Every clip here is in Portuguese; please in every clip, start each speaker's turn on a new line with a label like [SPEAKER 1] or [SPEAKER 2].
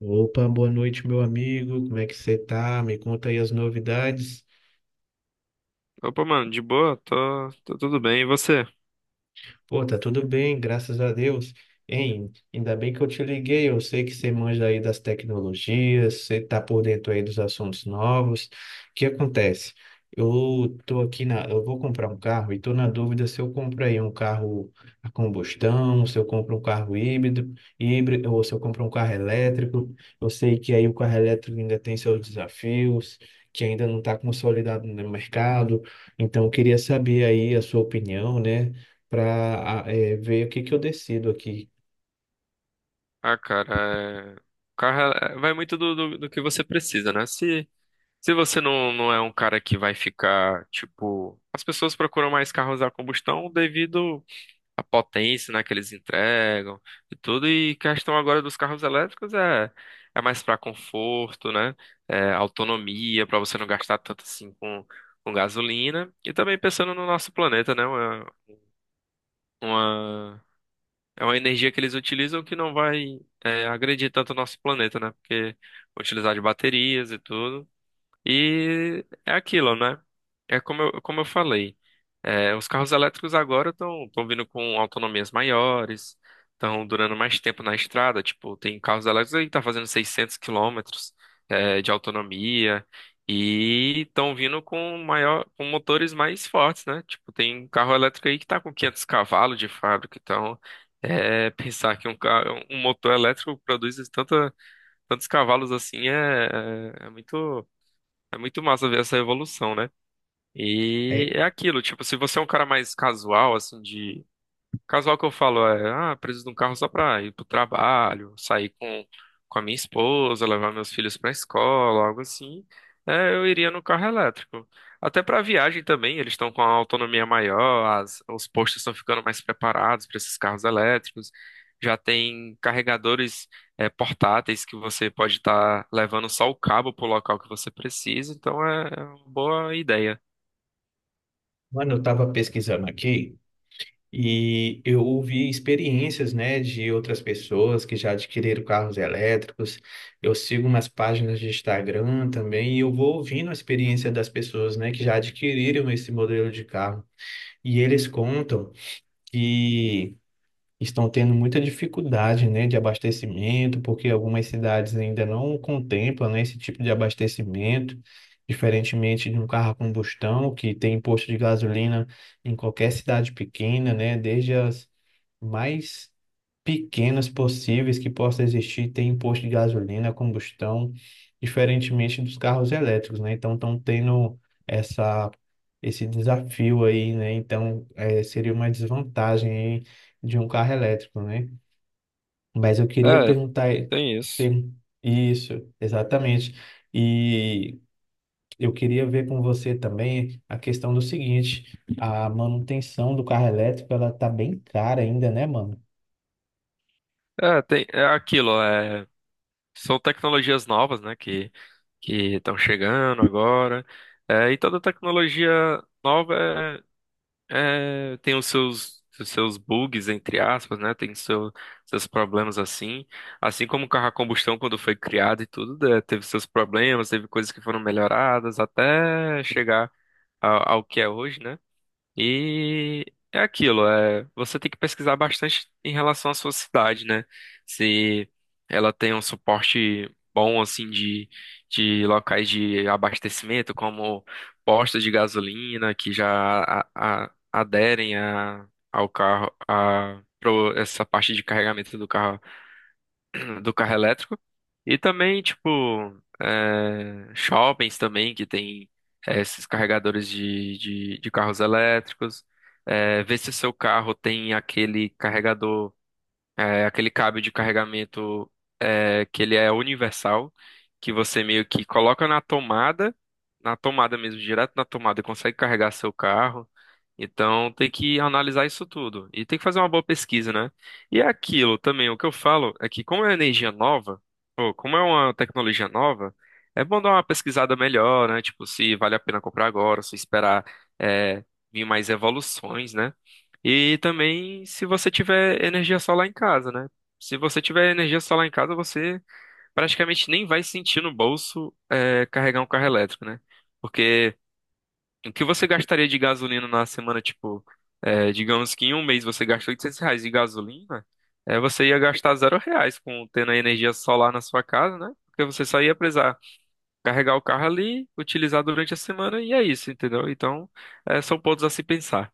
[SPEAKER 1] Opa, boa noite, meu amigo. Como é que você tá? Me conta aí as novidades.
[SPEAKER 2] Opa, mano, de boa? Tô tudo bem. E você?
[SPEAKER 1] Pô, tá tudo bem, graças a Deus. Hein, ainda bem que eu te liguei. Eu sei que você manja aí das tecnologias, você tá por dentro aí dos assuntos novos. O que acontece? Eu tô aqui na, eu vou comprar um carro e tô na dúvida se eu compro aí um carro a combustão, se eu compro um carro híbrido, ou se eu compro um carro elétrico. Eu sei que aí o carro elétrico ainda tem seus desafios, que ainda não está consolidado no mercado. Então, eu queria saber aí a sua opinião, né? Para ver o que que eu decido aqui.
[SPEAKER 2] Ah, cara, o carro vai muito do que você precisa, né? Se você não é um cara que vai ficar, tipo. As pessoas procuram mais carros a combustão devido à potência, né, que eles entregam e tudo. E questão agora dos carros elétricos é mais pra conforto, né? É autonomia, pra você não gastar tanto assim com gasolina. E também pensando no nosso planeta, né? Uma É uma energia que eles utilizam que não vai, agredir tanto o nosso planeta, né? Porque vão utilizar de baterias e tudo. E é aquilo, né? É como eu falei, os carros elétricos agora estão vindo com autonomias maiores, estão durando mais tempo na estrada. Tipo, tem carros elétricos aí que tá fazendo 600 quilômetros de autonomia e estão vindo com maior, com motores mais fortes, né? Tipo, tem carro elétrico aí que tá com 500 cavalos de fábrica. Então, pensar que um motor elétrico produz tantos cavalos assim é muito massa ver essa evolução, né? E
[SPEAKER 1] É,
[SPEAKER 2] é aquilo, tipo, se você é um cara mais casual, assim, de Casual que eu falo é, preciso de um carro só pra ir pro trabalho, sair com a minha esposa, levar meus filhos pra escola, algo assim. Eu iria no carro elétrico. Até pra viagem também, eles estão com a autonomia maior, os postos estão ficando mais preparados para esses carros elétricos. Já tem carregadores, portáteis que você pode estar levando só o cabo pro local que você precisa, então é uma boa ideia.
[SPEAKER 1] mano, eu estava pesquisando aqui e eu ouvi experiências, né, de outras pessoas que já adquiriram carros elétricos. Eu sigo umas páginas de Instagram também e eu vou ouvindo a experiência das pessoas, né, que já adquiriram esse modelo de carro. E eles contam que estão tendo muita dificuldade, né, de abastecimento, porque algumas cidades ainda não contemplam, né, esse tipo de abastecimento, diferentemente de um carro a combustão, que tem posto de gasolina em qualquer cidade pequena, né, desde as mais pequenas possíveis que possa existir tem imposto de gasolina, combustão, diferentemente dos carros elétricos, né? Então estão tendo essa esse desafio aí, né? Então seria uma desvantagem aí de um carro elétrico, né? Mas eu queria
[SPEAKER 2] É,
[SPEAKER 1] perguntar
[SPEAKER 2] tem isso.
[SPEAKER 1] per- isso, exatamente. E eu queria ver com você também a questão do seguinte: a manutenção do carro elétrico, ela tá bem cara ainda, né, mano?
[SPEAKER 2] É, tem, é aquilo. São tecnologias novas, né, que estão chegando agora. É, e toda tecnologia nova tem os seus bugs, entre aspas, né? Tem seus problemas assim. Assim como o carro a combustão, quando foi criado e tudo, né, teve seus problemas, teve coisas que foram melhoradas até chegar ao que é hoje, né? E é aquilo, você tem que pesquisar bastante em relação à sua cidade, né? Se ela tem um suporte bom, assim, de locais de abastecimento, como postos de gasolina, que já aderem ao carro, essa parte de carregamento do carro do carro elétrico. E também, tipo, shoppings também, que tem esses carregadores de carros elétricos. Ver se o seu carro tem aquele carregador. É aquele cabo de carregamento que ele é universal, que você meio que coloca na tomada mesmo, direto na tomada, e consegue carregar seu carro. Então tem que analisar isso tudo. E tem que fazer uma boa pesquisa, né? E é aquilo também, o que eu falo é que como é energia nova, ou como é uma tecnologia nova, é bom dar uma pesquisada melhor, né? Tipo, se vale a pena comprar agora, se esperar é, vir mais evoluções, né? E também se você tiver energia solar em casa, né? Se você tiver energia solar em casa, você praticamente nem vai sentir no bolso carregar um carro elétrico, né? Porque o que você gastaria de gasolina na semana, tipo, digamos que em um mês você gasta R$ 800 de gasolina, você ia gastar R$ 0 com tendo a energia solar na sua casa, né? Porque você só ia precisar carregar o carro ali, utilizar durante a semana e é isso, entendeu? Então, são pontos a se pensar.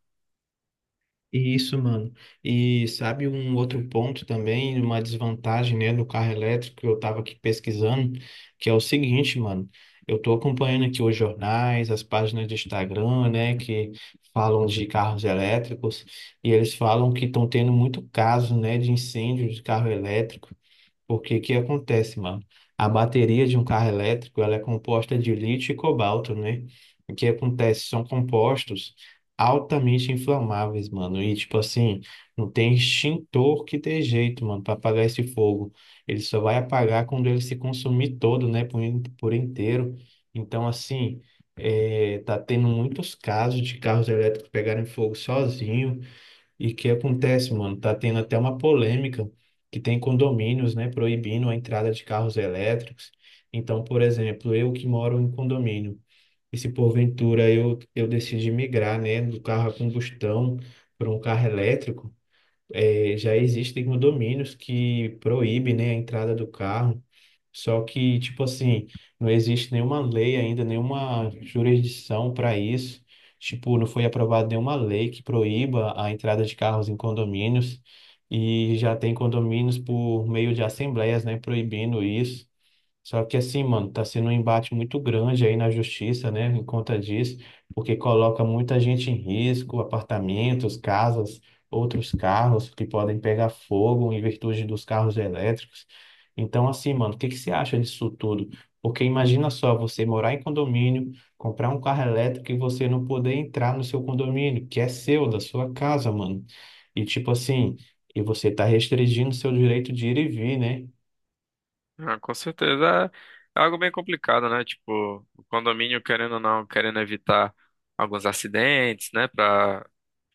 [SPEAKER 1] Isso, mano. E sabe um outro ponto também, uma desvantagem, né, do carro elétrico que eu tava aqui pesquisando, que é o seguinte, mano. Eu tô acompanhando aqui os jornais, as páginas de Instagram, né, que falam de carros elétricos, e eles falam que estão tendo muito caso, né, de incêndio de carro elétrico. Porque o que acontece, mano? A bateria de um carro elétrico, ela é composta de lítio e cobalto, né? O que acontece? São compostos altamente inflamáveis, mano. E tipo assim, não tem extintor que dê jeito, mano, para apagar esse fogo. Ele só vai apagar quando ele se consumir todo, né, por, por inteiro. Então, assim, é, tá tendo muitos casos de carros elétricos pegarem fogo sozinho e que acontece, mano? Tá tendo até uma polêmica que tem condomínios, né, proibindo a entrada de carros elétricos. Então, por exemplo, eu que moro em condomínio, e se porventura eu decidir migrar, né, do carro a combustão para um carro elétrico, eh, já existem condomínios que proíbem, né, a entrada do carro. Só que, tipo assim, não existe nenhuma lei ainda, nenhuma jurisdição para isso. Tipo, não foi aprovada nenhuma lei que proíba a entrada de carros em condomínios. E já tem condomínios por meio de assembleias, né, proibindo isso. Só que assim, mano, tá sendo um embate muito grande aí na justiça, né, em conta disso, porque coloca muita gente em risco, apartamentos, casas, outros carros que podem pegar fogo em virtude dos carros elétricos. Então, assim, mano, o que que você acha disso tudo? Porque imagina só você morar em condomínio, comprar um carro elétrico e você não poder entrar no seu condomínio, que é seu, da sua casa, mano. E tipo assim, e você tá restringindo seu direito de ir e vir, né?
[SPEAKER 2] Ah, com certeza. É algo bem complicado, né? Tipo, o condomínio, querendo ou não, querendo evitar alguns acidentes, né? Pra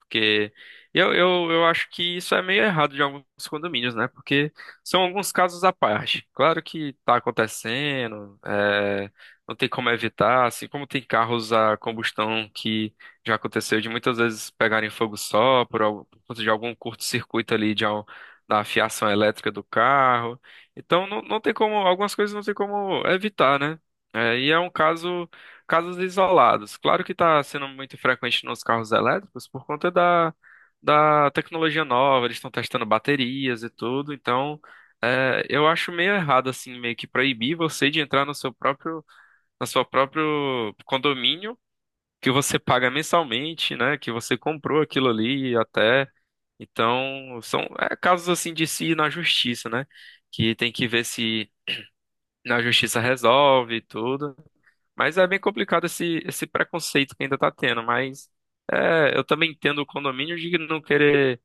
[SPEAKER 2] Porque eu acho que isso é meio errado de alguns condomínios, né? Porque são alguns casos à parte. Claro que tá acontecendo, não tem como evitar, assim como tem carros a combustão que já aconteceu de muitas vezes pegarem fogo só por conta de algum curto-circuito ali da fiação elétrica do carro. Então não tem como, algumas coisas não tem como evitar, né? É, e é um caso. Casos isolados. Claro que está sendo muito frequente nos carros elétricos por conta da tecnologia nova, eles estão testando baterias e tudo, então eu acho meio errado assim, meio que proibir você de entrar no seu próprio condomínio que você paga mensalmente, né? Que você comprou aquilo ali até. Então, são casos assim de se ir na justiça, né? Que tem que ver se na justiça resolve e tudo. Mas é bem complicado esse preconceito que ainda tá tendo, mas eu também entendo o condomínio de não querer,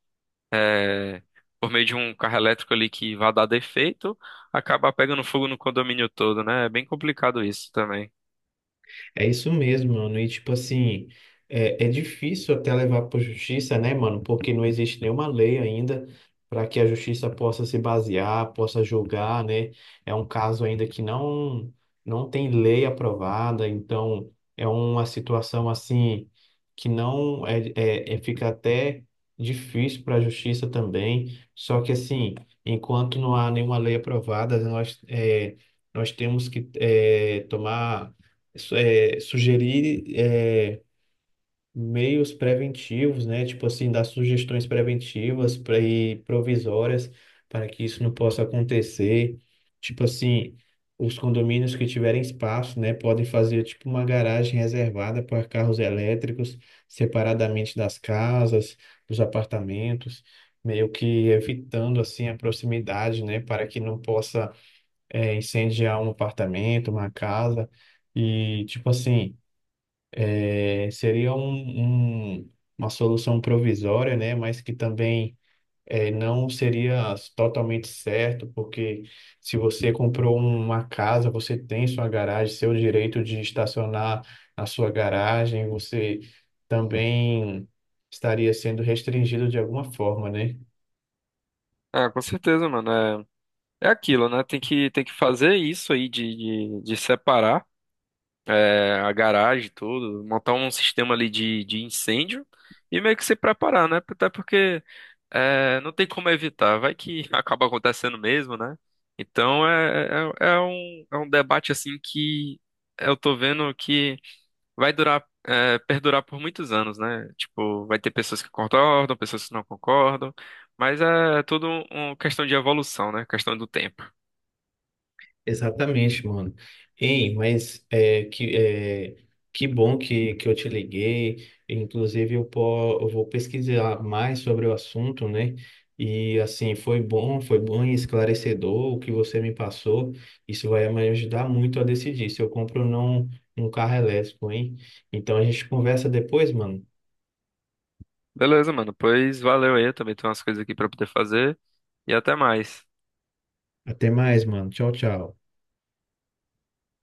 [SPEAKER 2] é, por meio de um carro elétrico ali que vá dar defeito, acabar pegando fogo no condomínio todo, né? É bem complicado isso também.
[SPEAKER 1] É isso mesmo, mano. E tipo assim, é, é difícil até levar para justiça, né, mano? Porque não existe nenhuma lei ainda para que a justiça possa se basear, possa julgar, né? É um caso ainda que não tem lei aprovada, então é uma situação assim que não é, é- fica até difícil para a justiça também. Só que assim, enquanto não há nenhuma lei aprovada, nós é, nós temos que é, tomar é, sugerir é, meios preventivos, né? Tipo assim, dar sugestões preventivas pra, e provisórias para que isso não possa acontecer. Tipo assim, os condomínios que tiverem espaço, né, podem fazer tipo uma garagem reservada para carros elétricos, separadamente das casas, dos apartamentos. Meio que evitando assim a proximidade, né, para que não possa é, incendiar um apartamento, uma casa e tipo assim é, seria um, uma solução provisória, né? Mas que também é, não seria totalmente certo, porque se você comprou uma casa, você tem sua garagem, seu direito de estacionar na sua garagem, você também estaria sendo restringido de alguma forma, né?
[SPEAKER 2] Ah, com certeza, mano. É aquilo, né? Tem que fazer isso aí de separar, a garagem, e tudo, montar um sistema ali de incêndio e meio que se preparar, né? Até porque. Não tem como evitar, vai que acaba acontecendo mesmo, né? Então é um debate assim que eu tô vendo que vai perdurar por muitos anos, né? Tipo, vai ter pessoas que concordam, pessoas que não concordam, mas é tudo uma questão de evolução, né? Questão do tempo.
[SPEAKER 1] Exatamente, mano. Ei, mas é, que bom que eu te liguei. Inclusive, eu, eu vou pesquisar mais sobre o assunto, né? E assim, foi bom e esclarecedor o que você me passou. Isso vai me ajudar muito a decidir se eu compro ou não um carro elétrico, hein? Então a gente conversa depois, mano.
[SPEAKER 2] Beleza, mano, pois valeu aí, eu também tenho umas coisas aqui pra poder fazer e até mais.
[SPEAKER 1] Até mais, mano. Tchau, tchau.